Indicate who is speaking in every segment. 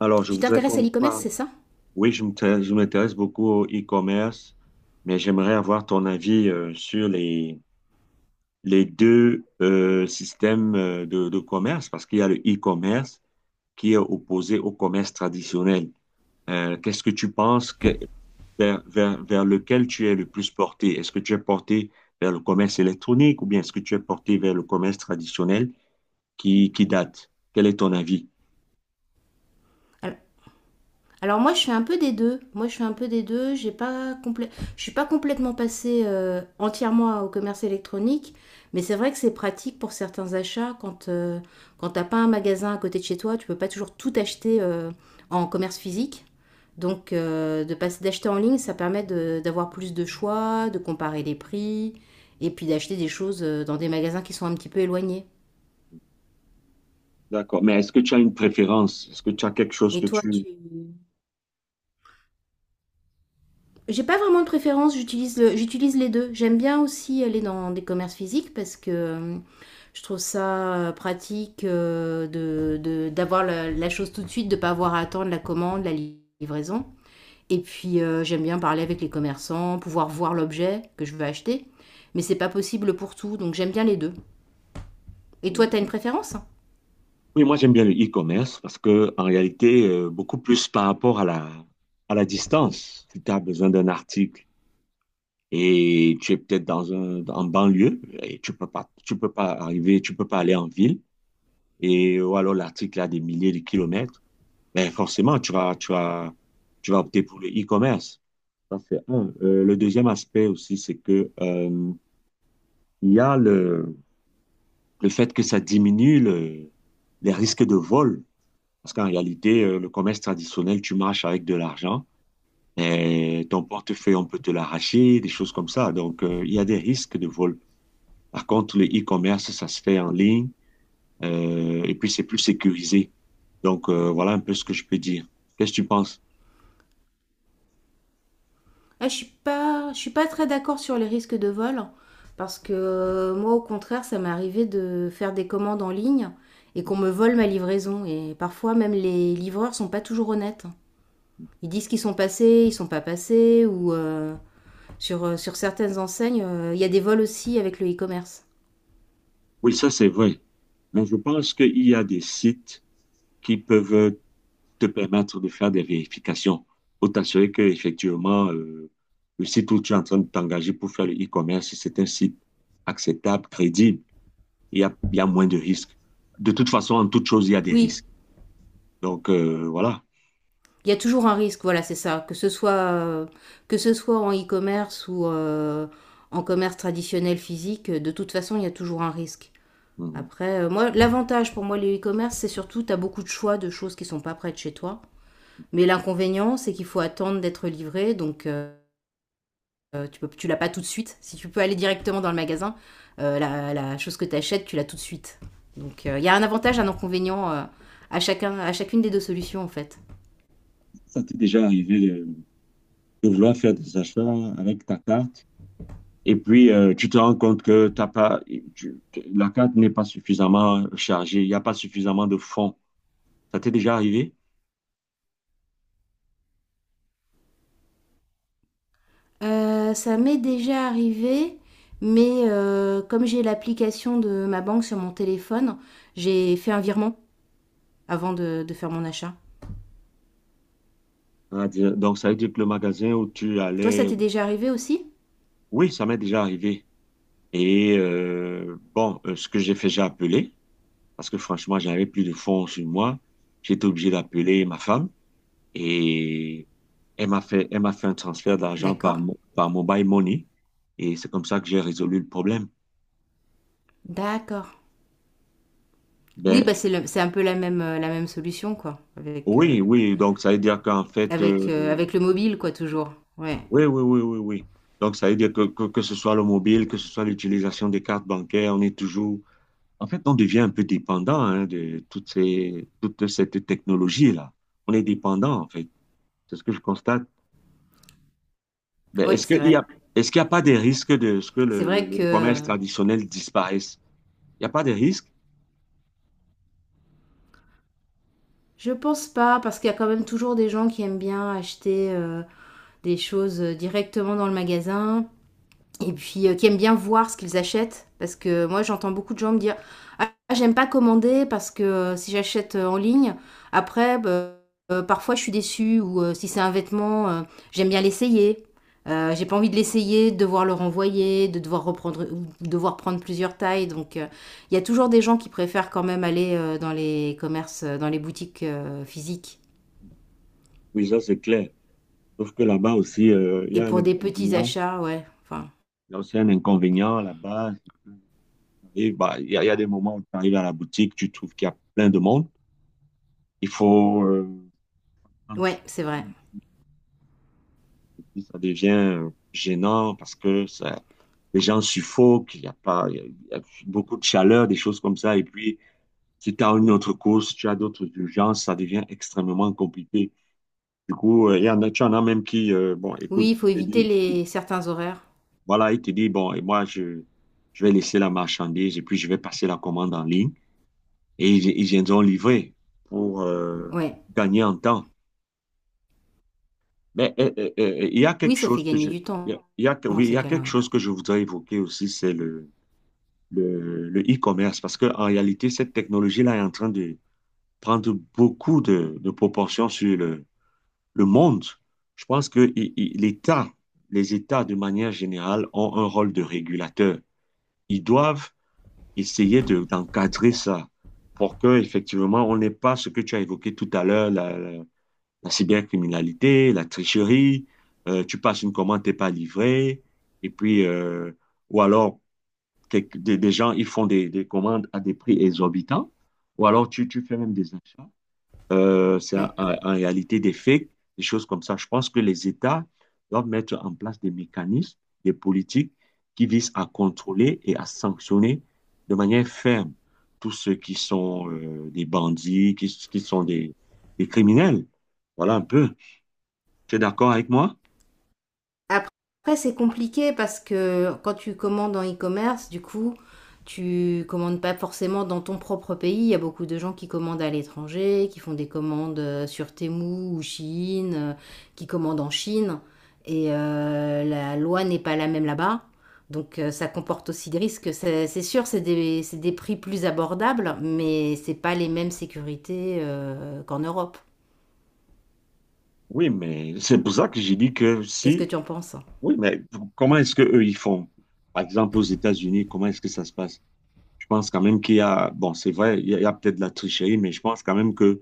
Speaker 1: Alors, je
Speaker 2: Tu
Speaker 1: voudrais
Speaker 2: t'intéresses
Speaker 1: qu'on
Speaker 2: à l'e-commerce,
Speaker 1: parle.
Speaker 2: c'est ça?
Speaker 1: Oui, je m'intéresse beaucoup au e-commerce, mais j'aimerais avoir ton avis sur les deux systèmes de commerce, parce qu'il y a le e-commerce qui est opposé au commerce traditionnel. Qu'est-ce que tu penses que- Vers lequel tu es le plus porté? Est-ce que tu es porté vers le commerce électronique ou bien est-ce que tu es porté vers le commerce traditionnel qui date? Quel est ton avis?
Speaker 2: Alors, moi, je fais un peu des deux. Moi, je fais un peu des deux. J'ai pas complè- Je suis pas complètement passée entièrement au commerce électronique, mais c'est vrai que c'est pratique pour certains achats. Quand t'as pas un magasin à côté de chez toi, tu peux pas toujours tout acheter en commerce physique. De passer d'acheter en ligne, ça permet d'avoir plus de choix, de comparer les prix, et puis d'acheter des choses dans des magasins qui sont un petit peu éloignés.
Speaker 1: D'accord. Mais est-ce que tu as une préférence? Est-ce que tu as quelque chose
Speaker 2: Et
Speaker 1: que
Speaker 2: toi,
Speaker 1: tu...
Speaker 2: tu... J'ai pas vraiment de préférence, j'utilise les deux. J'aime bien aussi aller dans des commerces physiques parce que je trouve ça pratique d'avoir la chose tout de suite, de pas avoir à attendre la commande, livraison. Et puis j'aime bien parler avec les commerçants, pouvoir voir l'objet que je veux acheter. Mais c'est pas possible pour tout, donc j'aime bien les deux. Et toi, t'as une
Speaker 1: Voilà.
Speaker 2: préférence?
Speaker 1: Oui, moi j'aime bien le e-commerce parce que en réalité, beaucoup plus par rapport à la distance. Si tu as besoin d'un article et tu es peut-être dans un en banlieue et tu peux pas arriver, tu peux pas aller en ville et ou alors l'article a des milliers de kilomètres, ben forcément tu vas opter pour le e-commerce. Ça c'est un. Le deuxième aspect aussi, c'est que il y a le fait que ça diminue les risques de vol. Parce qu'en réalité, le commerce traditionnel, tu marches avec de l'argent et ton portefeuille, on peut te l'arracher, des choses comme ça. Donc, il y a des risques de vol. Par contre, le e-commerce, ça se fait en ligne et puis c'est plus sécurisé. Donc, voilà un peu ce que je peux dire. Qu'est-ce que tu penses?
Speaker 2: Ah, je suis pas très d'accord sur les risques de vol parce que moi, au contraire, ça m'est arrivé de faire des commandes en ligne et qu'on me vole ma livraison. Et parfois, même les livreurs sont pas toujours honnêtes. Ils disent qu'ils sont passés, ils sont pas passés, ou sur certaines enseignes, il y a des vols aussi avec le e-commerce.
Speaker 1: Oui, ça, c'est vrai. Mais je pense qu'il y a des sites qui peuvent te permettre de faire des vérifications pour t'assurer que effectivement le site où tu es en train de t'engager pour faire le e-commerce, c'est un site acceptable, crédible. Il y a moins de risques. De toute façon, en toute chose, il y a des
Speaker 2: Oui,
Speaker 1: risques. Donc, voilà.
Speaker 2: il y a toujours un risque, voilà, c'est ça. Que ce soit en e-commerce ou en commerce traditionnel physique, de toute façon, il y a toujours un risque.
Speaker 1: Mhm.
Speaker 2: Après, moi, l'avantage pour moi, le e-commerce, c'est surtout, tu as beaucoup de choix de choses qui sont pas près de chez toi. Mais l'inconvénient, c'est qu'il faut attendre d'être livré, donc tu peux, tu l'as pas tout de suite. Si tu peux aller directement dans le magasin, la chose que tu achètes, tu l'as tout de suite. Donc il y a un avantage, un inconvénient à, chacun, à chacune des deux solutions en fait.
Speaker 1: Ça t'est déjà arrivé de vouloir faire des achats avec ta carte et puis tu te rends compte que t'as pas, tu- la carte n'est pas suffisamment chargée, il n'y a pas suffisamment de fonds. Ça t'est déjà arrivé?
Speaker 2: Ça m'est déjà arrivé, mais comme j'ai l'application de ma banque sur mon téléphone, j'ai fait un virement avant de faire mon achat.
Speaker 1: Ah, dire- Donc, ça veut dire que le magasin où tu
Speaker 2: Toi, ça
Speaker 1: allais...
Speaker 2: t'est déjà arrivé aussi?
Speaker 1: Oui, ça m'est déjà arrivé. Et bon, ce que j'ai fait, j'ai appelé, parce que franchement, j'avais plus de fonds sur moi. J'étais obligé d'appeler ma femme et elle m'a fait un transfert d'argent par,
Speaker 2: D'accord.
Speaker 1: par Mobile Money. Et c'est comme ça que j'ai résolu le problème.
Speaker 2: D'accord.
Speaker 1: Ben,
Speaker 2: Oui, bah c'est un peu la même solution, quoi.
Speaker 1: oui, oui, donc ça veut dire qu'en fait,
Speaker 2: Avec le mobile, quoi, toujours. Ouais.
Speaker 1: oui, oui, oui, oui, oui. Donc ça veut dire que ce soit le mobile, que ce soit l'utilisation des cartes bancaires, on est toujours, en fait, on devient un peu dépendant hein, de toute cette technologie-là. On est dépendant, en fait. C'est ce que je constate. Ben,
Speaker 2: Ouais,
Speaker 1: est-ce
Speaker 2: c'est
Speaker 1: qu'il y
Speaker 2: vrai.
Speaker 1: a, est-ce qu'il n'y a pas des risques de ce que
Speaker 2: C'est vrai
Speaker 1: le
Speaker 2: que
Speaker 1: commerce traditionnel disparaisse? Il n'y a pas de risques?
Speaker 2: je pense pas, parce qu'il y a quand même toujours des gens qui aiment bien acheter des choses directement dans le magasin, et puis qui aiment bien voir ce qu'ils achètent. Parce que moi, j'entends beaucoup de gens me dire: «Ah, j'aime pas commander parce que si j'achète en ligne, après, bah, parfois je suis déçue. Ou si c'est un vêtement, j'aime bien l'essayer. J'ai pas envie de l'essayer, de devoir le renvoyer, de devoir reprendre, ou devoir prendre plusieurs tailles.» Donc, il y a toujours des gens qui préfèrent quand même aller dans les commerces, dans les boutiques physiques.
Speaker 1: Oui, ça, c'est clair. Sauf que là-bas aussi, il y
Speaker 2: Et
Speaker 1: a un
Speaker 2: pour des petits
Speaker 1: inconvénient.
Speaker 2: achats, ouais. Enfin,
Speaker 1: Il y a aussi un inconvénient là-bas. Et bah, il y a des moments où tu arrives à la boutique, tu trouves qu'il y a plein de monde. Il faut, un
Speaker 2: ouais,
Speaker 1: petit-
Speaker 2: c'est vrai.
Speaker 1: ça devient gênant parce que ça, les gens suffoquent, il y a pas, il y a beaucoup de chaleur, des choses comme ça. Et puis, si tu as une autre course, tu as d'autres urgences, ça devient extrêmement compliqué. Du coup, il y en a, tu en as même qui, bon,
Speaker 2: Oui,
Speaker 1: écoute,
Speaker 2: il faut éviter les certains horaires.
Speaker 1: il te dit, bon, et je vais laisser la marchandise et puis je vais passer la commande en ligne. Et ils viendront livrer pour
Speaker 2: Ouais.
Speaker 1: gagner en temps. Mais il y a
Speaker 2: Oui,
Speaker 1: quelque
Speaker 2: ça
Speaker 1: chose
Speaker 2: fait
Speaker 1: que
Speaker 2: gagner
Speaker 1: je,
Speaker 2: du temps
Speaker 1: il y a-
Speaker 2: dans
Speaker 1: oui, il y
Speaker 2: ces
Speaker 1: a
Speaker 2: cas-là,
Speaker 1: quelque
Speaker 2: oui.
Speaker 1: chose que je voudrais évoquer aussi, c'est le e-commerce, parce que en réalité, cette technologie-là est en train de prendre beaucoup de proportions sur le monde. Je pense que les États de manière générale ont un rôle de régulateur. Ils doivent essayer d'encadrer ça pour que, effectivement, on n'ait pas ce que tu as évoqué tout à l'heure, la cybercriminalité, la tricherie, tu passes une commande, t'es pas livré, et puis, ou alors, des gens, ils font des commandes à des prix exorbitants, ou alors tu fais même des achats.
Speaker 2: Ouais.
Speaker 1: En réalité des fakes, des choses comme ça. Je pense que les États doivent mettre en place des mécanismes, des politiques qui visent à contrôler et à sanctionner de manière ferme tous ceux qui sont des bandits, qui sont des criminels. Voilà un peu. Tu es d'accord avec moi?
Speaker 2: Après, après, c'est compliqué parce que quand tu commandes en e-commerce, du coup, tu commandes pas forcément dans ton propre pays. Il y a beaucoup de gens qui commandent à l'étranger, qui font des commandes sur Temu ou Chine, qui commandent en Chine. Et la loi n'est pas la même là-bas. Donc ça comporte aussi des risques. C'est sûr, c'est des prix plus abordables, mais c'est pas les mêmes sécurités qu'en Europe.
Speaker 1: Oui, mais c'est pour ça que j'ai dit que
Speaker 2: Qu'est-ce que
Speaker 1: si,
Speaker 2: tu en penses?
Speaker 1: oui, mais comment est-ce que eux ils font? Par exemple, aux États-Unis, comment est-ce que ça se passe? Je pense quand même bon, c'est vrai, il y a peut-être de la tricherie, mais je pense quand même que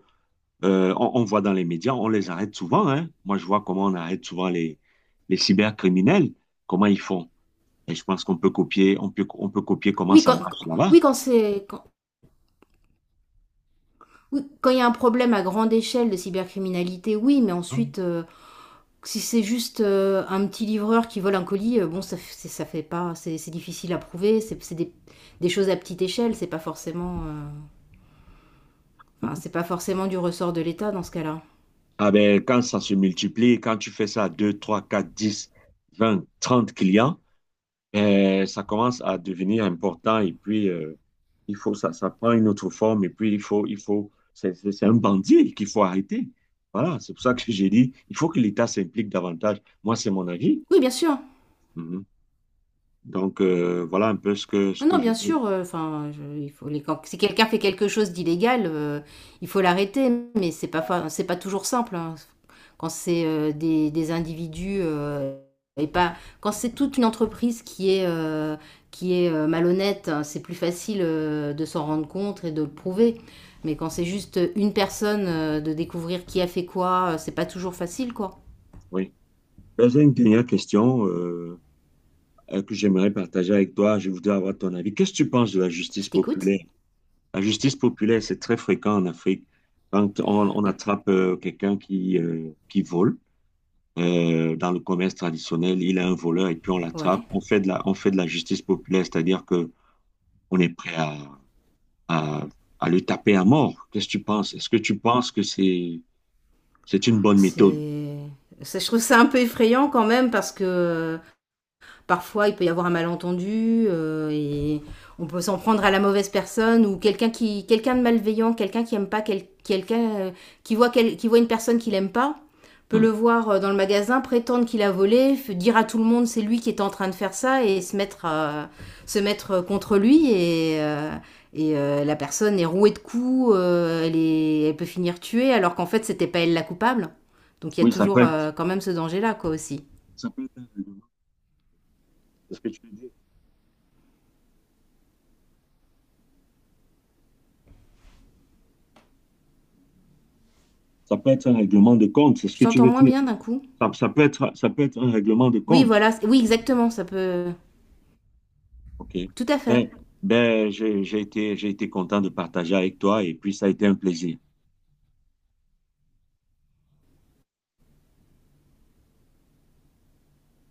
Speaker 1: on voit dans les médias, on les arrête souvent, hein. Moi, je vois comment on arrête souvent les cybercriminels, comment ils font. Et je pense qu'on peut copier, on peut copier comment
Speaker 2: Oui,
Speaker 1: ça
Speaker 2: quand,
Speaker 1: marche
Speaker 2: quand-
Speaker 1: là-bas.
Speaker 2: oui, quand c'est, quand, oui, quand il y a un problème à grande échelle de cybercriminalité, oui, mais ensuite, si c'est juste un petit livreur qui vole un colis, bon, ça fait pas, c'est difficile à prouver, c'est des choses à petite échelle, c'est pas forcément, enfin, c'est pas forcément du ressort de l'État dans ce cas-là.
Speaker 1: Ah ben, quand ça se multiplie, quand tu fais ça à 2, 3, 4, 10, 20, 30 clients, ça commence à devenir important et puis ça prend une autre forme et puis il faut c'est un bandit qu'il faut arrêter. Voilà, c'est pour ça que j'ai dit il faut que l'État s'implique davantage. Moi, c'est mon avis.
Speaker 2: Oui, bien sûr.
Speaker 1: Mhm. Donc voilà un peu ce
Speaker 2: Non,
Speaker 1: que
Speaker 2: non,
Speaker 1: je
Speaker 2: bien
Speaker 1: veux.
Speaker 2: sûr, enfin, il faut quand- si quelqu'un fait quelque chose d'illégal, il faut l'arrêter, mais c'est pas toujours simple, hein. Quand c'est des individus et pas, quand c'est toute une entreprise qui est malhonnête, hein, c'est plus facile de s'en rendre compte et de le prouver. Mais quand c'est juste une personne, de découvrir qui a fait quoi, c'est pas toujours facile, quoi.
Speaker 1: Oui. Ben, j'ai une dernière question que j'aimerais partager avec toi. Je voudrais avoir ton avis. Qu'est-ce que tu penses de la
Speaker 2: Je
Speaker 1: justice
Speaker 2: t'écoute.
Speaker 1: populaire? La justice populaire, c'est très fréquent en Afrique. Quand on attrape quelqu'un qui vole, dans le commerce traditionnel, il a un voleur et puis on l'attrape.
Speaker 2: Ouais.
Speaker 1: On fait on fait de la justice populaire, c'est-à-dire que on est prêt à, à le taper à mort. Qu'est-ce que tu penses? Est-ce que tu penses que c'est une bonne méthode?
Speaker 2: C'est. Ça, je trouve ça un peu effrayant quand même parce que parfois, il peut y avoir un malentendu et on peut s'en prendre à la mauvaise personne, ou quelqu'un de malveillant, quelqu'un qui aime pas, quelqu'un qui voit une personne qu'il aime pas, peut
Speaker 1: Hmm.
Speaker 2: le voir dans le magasin, prétendre qu'il a volé, dire à tout le monde c'est lui qui est en train de faire ça, et se mettre contre lui et la personne est rouée de coups, elle peut finir tuée alors qu'en fait c'était pas elle la coupable. Donc il y a
Speaker 1: Oui,
Speaker 2: toujours quand même ce danger là quoi aussi.
Speaker 1: ça peut être un règlement, c'est ce que tu veux dire. Ça peut être un règlement de compte, c'est ce
Speaker 2: Je
Speaker 1: que tu
Speaker 2: t'entends
Speaker 1: veux
Speaker 2: moins
Speaker 1: dire.
Speaker 2: bien d'un coup.
Speaker 1: Ça peut être un règlement de
Speaker 2: Oui,
Speaker 1: compte.
Speaker 2: voilà. Oui, exactement. Ça peut.
Speaker 1: OK.
Speaker 2: Tout à fait.
Speaker 1: Ben, ben, j'ai été content de partager avec toi et puis ça a été un plaisir.